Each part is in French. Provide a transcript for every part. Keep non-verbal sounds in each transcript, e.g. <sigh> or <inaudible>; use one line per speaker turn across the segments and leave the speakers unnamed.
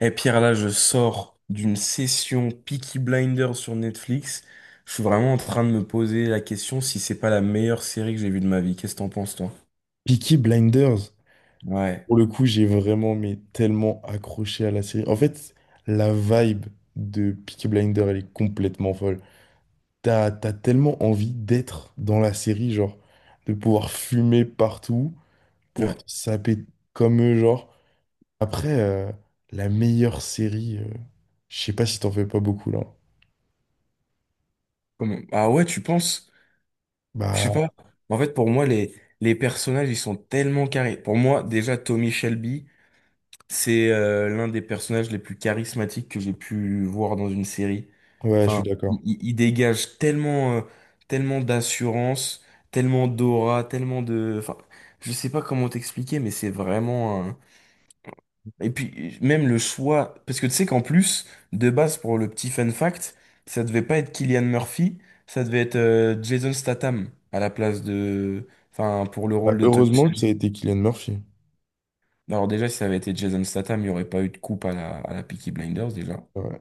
Et Pierre, là, je sors d'une session Peaky Blinders sur Netflix. Je suis vraiment en train de me poser la question si c'est pas la meilleure série que j'ai vue de ma vie. Qu'est-ce que t'en penses, toi?
Peaky Blinders,
Ouais.
pour le coup, j'ai vraiment, mais tellement accroché à la série. En fait, la vibe de Peaky Blinders, elle est complètement folle. T'as tellement envie d'être dans la série, genre, de pouvoir fumer partout, pouvoir te
Ouais.
saper comme eux, genre. Après, la meilleure série, je sais pas si t'en fais pas beaucoup, là.
Ah ouais, tu penses? Je sais pas.
Bah,
En fait, pour moi, les personnages, ils sont tellement carrés. Pour moi, déjà, Tommy Shelby. C'est l'un des personnages les plus charismatiques que j'ai pu voir dans une série.
ouais, je suis
Enfin,
d'accord.
il dégage tellement, tellement d'assurance, tellement d'aura, tellement de... Enfin, je sais pas comment t'expliquer, mais c'est vraiment un... Et puis, même le choix... Parce que tu sais qu'en plus, de base, pour le petit fun fact, ça devait pas être Cillian Murphy, ça devait être Jason Statham à la place de... Enfin, pour le rôle
Bah,
de Tommy.
heureusement que ça a été Killian Murphy.
Bah, alors déjà, si ça avait été Jason Statham, il n'y aurait pas eu de coupe à à la Peaky Blinders déjà.
Ouais.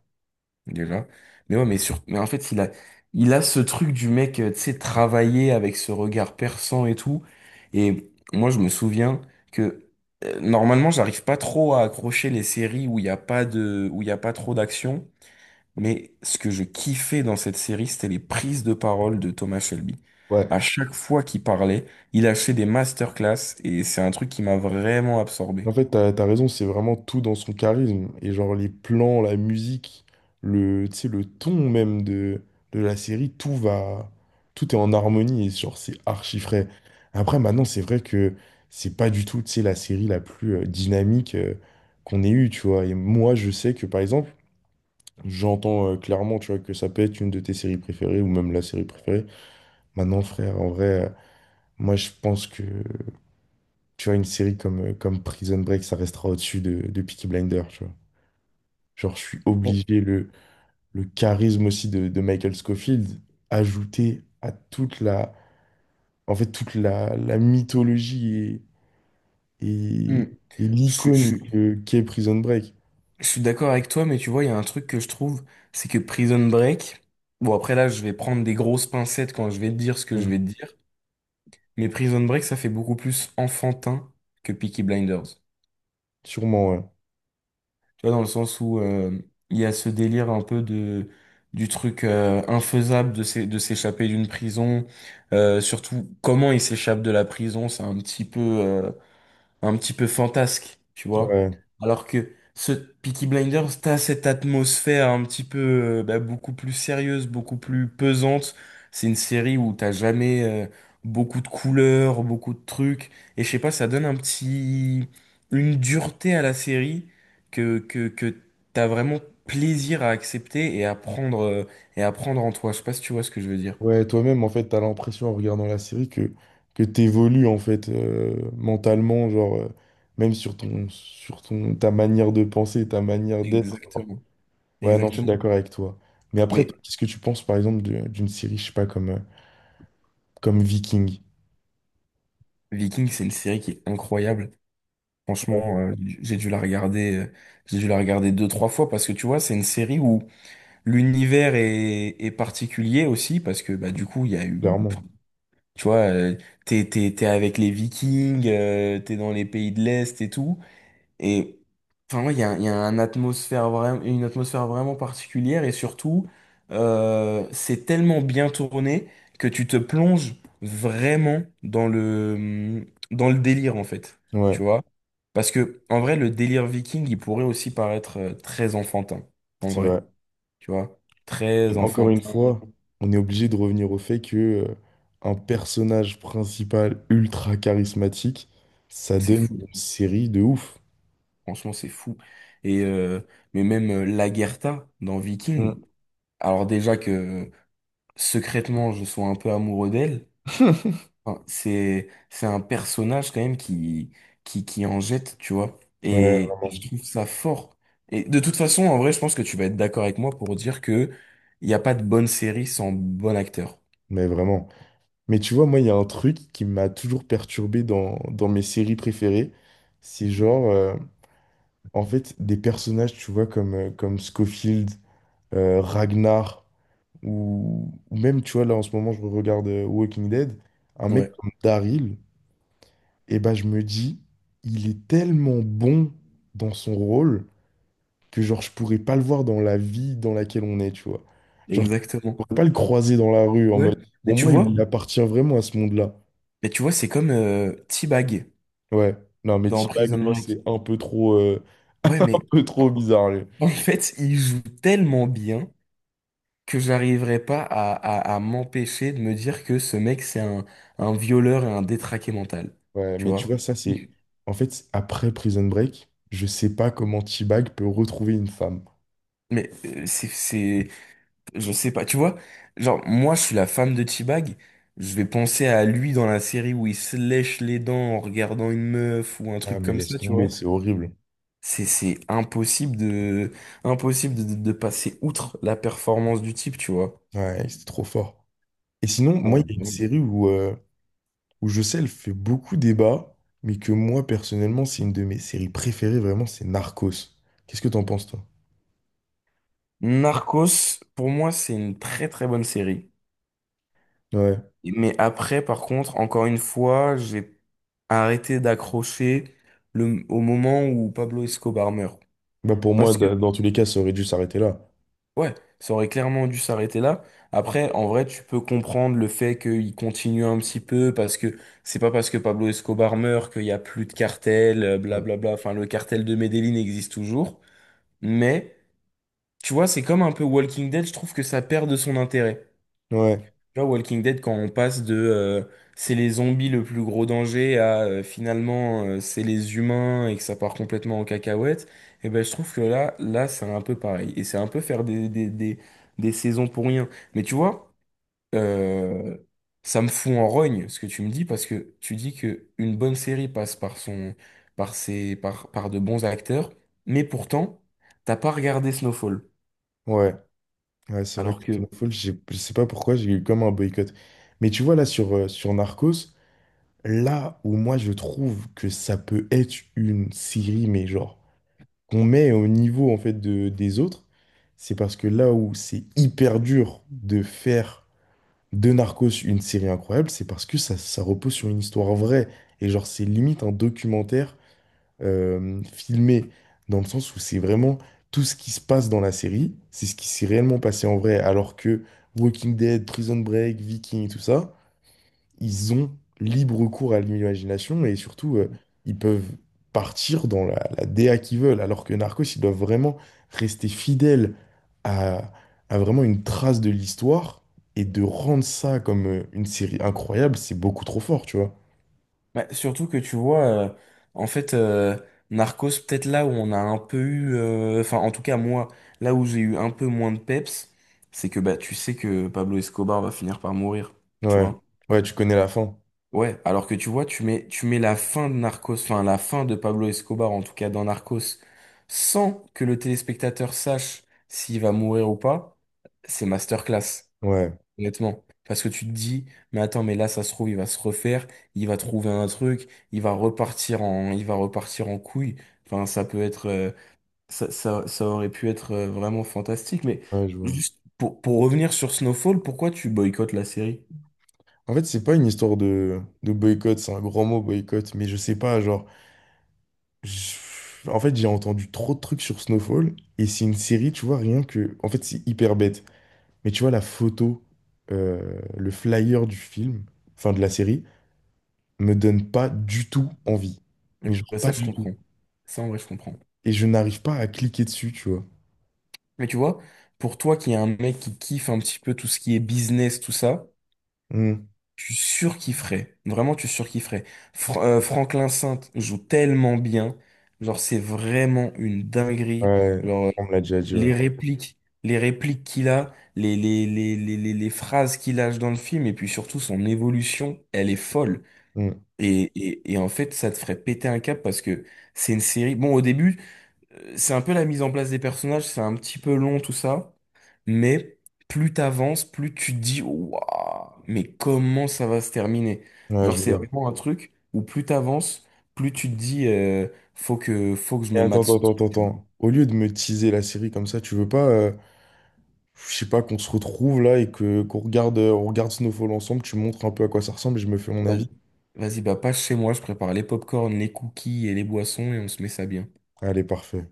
Déjà. Mais ouais, mais sur, mais en fait, il a ce truc du mec, tu sais, travailler avec ce regard perçant et tout. Et moi, je me souviens que normalement, j'arrive pas trop à accrocher les séries où il n'y a pas de, où il y a pas trop d'action. Mais ce que je kiffais dans cette série, c'était les prises de parole de Thomas Shelby.
Ouais.
À chaque fois qu'il parlait, il a fait des masterclass et c'est un truc qui m'a vraiment absorbé.
En fait, t'as raison, c'est vraiment tout dans son charisme. Et genre les plans, la musique, le, tu sais, le ton même de la série, tout va, tout est en harmonie et genre c'est archi frais. Après, maintenant, c'est vrai que c'est pas du tout, tu sais, la série la plus dynamique qu'on ait eue, tu vois. Et moi, je sais que par exemple, j'entends clairement, tu vois, que ça peut être une de tes séries préférées ou même la série préférée. Maintenant, frère, en vrai, moi, je pense que tu vois, une série comme, comme Prison Break, ça restera au-dessus de Peaky Blinders, tu vois. Genre, je suis
Bon.
obligé, le charisme aussi de Michael Scofield, ajouté à toute la, en fait, toute la, la mythologie et,
Hmm.
et
Je,
l'icône
je-
que, qu'est Prison Break.
je suis d'accord avec toi, mais tu vois, il y a un truc que je trouve, c'est que Prison Break, bon après là, je vais prendre des grosses pincettes quand je vais te dire ce que je vais te
Bon,
dire, mais Prison Break, ça fait beaucoup plus enfantin que Peaky Blinders.
sûrement, ouais.
Tu vois, dans le sens où il y a ce délire un peu de du truc infaisable de de s'échapper d'une prison, surtout comment il s'échappe de la prison, c'est un petit peu fantasque, tu vois.
Ouais,
Alors que ce Peaky Blinders, t'as cette atmosphère un petit peu bah, beaucoup plus sérieuse, beaucoup plus pesante. C'est une série où t'as jamais beaucoup de couleurs, beaucoup de trucs. Et je sais pas, ça donne un petit... une dureté à la série que t'as vraiment plaisir à accepter et à prendre en toi. Je sais pas si tu vois ce que je veux dire.
ouais, toi-même, en fait, t'as l'impression en regardant la série que t'évolues, en fait, mentalement, genre, même sur ton, ta manière de penser, ta manière d'être.
Exactement.
Ouais, non, je suis
Exactement.
d'accord avec toi. Mais après, toi,
Mais
qu'est-ce que tu penses, par exemple, d'une série, je sais pas, comme, comme Viking?
Viking, c'est une série qui est incroyable.
Ouais.
Franchement, j'ai dû la regarder, j'ai dû la regarder deux, trois fois parce que tu vois, c'est une série où l'univers est particulier aussi parce que bah du coup, il y a eu, enfin,
Clairement.
tu vois, t'es avec les Vikings, t'es dans les pays de l'Est et tout, et enfin, ouais, il y a un atmosphère vraiment, une atmosphère vraiment particulière et surtout, c'est tellement bien tourné que tu te plonges vraiment dans dans le délire en fait. Tu
Ouais,
vois? Parce que en vrai, le délire viking, il pourrait aussi paraître très enfantin. En
c'est
vrai,
vrai.
tu vois? Très
Et encore une
enfantin.
fois, on est obligé de revenir au fait que, un personnage principal ultra charismatique, ça
C'est
donne
fou.
une série de ouf.
Franchement, c'est fou. Et mais même Lagertha dans Viking,
Mm.
alors déjà que secrètement, je sois un peu amoureux d'elle.
<laughs>
Enfin, c'est un personnage quand même qui en jette, tu vois.
Ouais,
Et
vraiment.
je trouve ça fort. Et de toute façon, en vrai, je pense que tu vas être d'accord avec moi pour dire que il n'y a pas de bonne série sans bon acteur.
Mais vraiment. Mais tu vois, moi, il y a un truc qui m'a toujours perturbé dans, dans mes séries préférées. C'est genre, en fait, des personnages, tu vois, comme, comme Scofield. Ragnar, ou même, tu vois, là en ce moment, je regarde Walking Dead, un mec
Ouais,
comme Daryl, et ben je me dis, il est tellement bon dans son rôle que genre je pourrais pas le voir dans la vie dans laquelle on est, tu vois. Genre, je
exactement.
pourrais pas le croiser dans la rue en
Ouais.
mode,
Mais
pour
tu
moi, il
vois,
appartient vraiment à ce monde-là.
mais tu vois, c'est comme T-Bag
Ouais. Non, mais
dans
T-Bag,
Prison
lui,
Break.
c'est un peu trop, <laughs>
Ouais,
un
mais
peu trop bizarre, lui.
en fait, il joue tellement bien que j'arriverai pas à, à m'empêcher de me dire que ce mec, c'est un violeur et un détraqué mental.
Ouais,
Tu
mais tu vois,
vois?
ça, c'est. En fait, après Prison Break, je sais pas comment T-Bag peut retrouver une femme.
Mais c'est, je sais pas, tu vois, genre, moi, je suis la femme de T-Bag, je vais penser à lui dans la série où il se lèche les dents en regardant une meuf ou un
Ah,
truc
mais
comme
laisse
ça, tu
tomber,
vois.
c'est horrible.
C'est impossible de, impossible de passer outre la performance du type, tu vois.
Ouais, c'était trop fort. Et sinon, moi,
Ouais,
il y a une
vraiment.
série où, où je sais, elle fait beaucoup débat, mais que moi, personnellement, c'est une de mes séries préférées, vraiment, c'est Narcos. Qu'est-ce que t'en penses, toi?
Narcos, pour moi, c'est une très très bonne série.
Ouais.
Mais après, par contre, encore une fois, j'ai arrêté d'accrocher le, au moment où Pablo Escobar meurt.
Bah, pour moi, dans tous les cas, ça aurait dû s'arrêter là.
Ouais, ça aurait clairement dû s'arrêter là. Après, en vrai, tu peux comprendre le fait qu'il continue un petit peu parce que c'est pas parce que Pablo Escobar meurt qu'il y a plus de cartel,
Bon.
blablabla. Enfin, le cartel de Medellín existe toujours. Mais, tu vois, c'est comme un peu Walking Dead, je trouve que ça perd de son intérêt.
Ouais,
Genre Walking Dead, quand on passe de c'est les zombies le plus gros danger à finalement c'est les humains et que ça part complètement en cacahuète, et ben je trouve que là, là c'est un peu pareil. Et c'est un peu faire des saisons pour rien. Mais tu vois, euh, ça me fout en rogne ce que tu me dis parce que tu dis que une bonne série passe par son, par de bons acteurs, mais pourtant, t'as pas regardé Snowfall.
ouais, ouais, c'est vrai
Alors
que
que
Snowfall, je sais pas pourquoi, j'ai eu comme un boycott. Mais tu vois, là, sur, sur Narcos, là où moi, je trouve que ça peut être une série, mais genre. Qu'on met au niveau en fait de, des autres, c'est parce que là où c'est hyper dur de faire de Narcos une série incroyable, c'est parce que ça repose sur une histoire vraie. Et genre, c'est limite un documentaire filmé, dans le sens où c'est vraiment tout ce qui se passe dans la série, c'est ce qui s'est réellement passé en vrai, alors que Walking Dead, Prison Break, Viking et tout ça, ils ont libre cours à l'imagination et surtout, ils peuvent partir dans la, la DA qu'ils veulent, alors que Narcos, ils doivent vraiment rester fidèles à, à vraiment une trace de l'histoire et de rendre ça comme une série incroyable, c'est beaucoup trop fort, tu vois.
bah, surtout que tu vois, en fait, Narcos, peut-être là où on a un peu eu, enfin en tout cas moi, là où j'ai eu un peu moins de peps, c'est que bah tu sais que Pablo Escobar va finir par mourir, tu
Ouais,
vois.
ouais, tu connais la fin.
Ouais, alors que tu vois, tu mets la fin de Narcos, enfin la fin de Pablo Escobar en tout cas dans Narcos, sans que le téléspectateur sache s'il va mourir ou pas, c'est masterclass.
Ouais,
Honnêtement. Parce que tu te dis, mais attends, mais là, ça se trouve, il va se refaire, il va trouver un truc, il va repartir en, il va repartir en couille. Enfin, ça peut être, ça aurait pu être vraiment fantastique. Mais
ouais, je vois.
juste pour revenir sur Snowfall, pourquoi tu boycottes la série?
En fait, c'est pas une histoire de boycott, c'est un grand mot boycott, mais je sais pas, genre, en fait, j'ai entendu trop de trucs sur Snowfall, et c'est une série, tu vois, rien que, en fait, c'est hyper bête. Mais tu vois, la photo, le flyer du film, enfin de la série, me donne pas du tout envie.
Eh
Mais genre
ben, ça,
pas
je
du tout.
comprends. Ça, en vrai, je comprends.
Et je n'arrive pas à cliquer dessus, tu vois.
Mais tu vois, pour toi qui est un mec qui kiffe un petit peu tout ce qui est business, tout ça,
Hmm.
tu surkifferais. Vraiment, tu surkifferais. Franklin Saint joue tellement bien. Genre, c'est vraiment une dinguerie.
Ouais,
Genre,
on me l'a déjà dit, ouais.
les répliques qu'il a, les phrases qu'il lâche dans le film, et puis surtout son évolution, elle est folle.
Hmm.
Et en fait, ça te ferait péter un câble parce que c'est une série. Bon, au début, c'est un peu la mise en place des personnages, c'est un petit peu long, tout ça. Mais plus t'avances, plus tu te dis, waouh, mais comment ça va se terminer?
Ouais,
Genre,
je
c'est
vois.
vraiment un truc où plus t'avances, plus tu te dis, faut que je
Et
me
attends,
mate
attends,
ce
attends,
truc.
attends.
Tu
Attends. Au lieu de me teaser la série comme ça, tu veux pas, je sais pas, qu'on se retrouve là et que qu'on regarde, on regarde Snowfall ensemble, tu montres un peu à quoi ça ressemble et je me fais mon
vois.
avis.
Vas-y, bah, passe chez moi, je prépare les pop les cookies et les boissons et on se met ça bien.
Allez, parfait.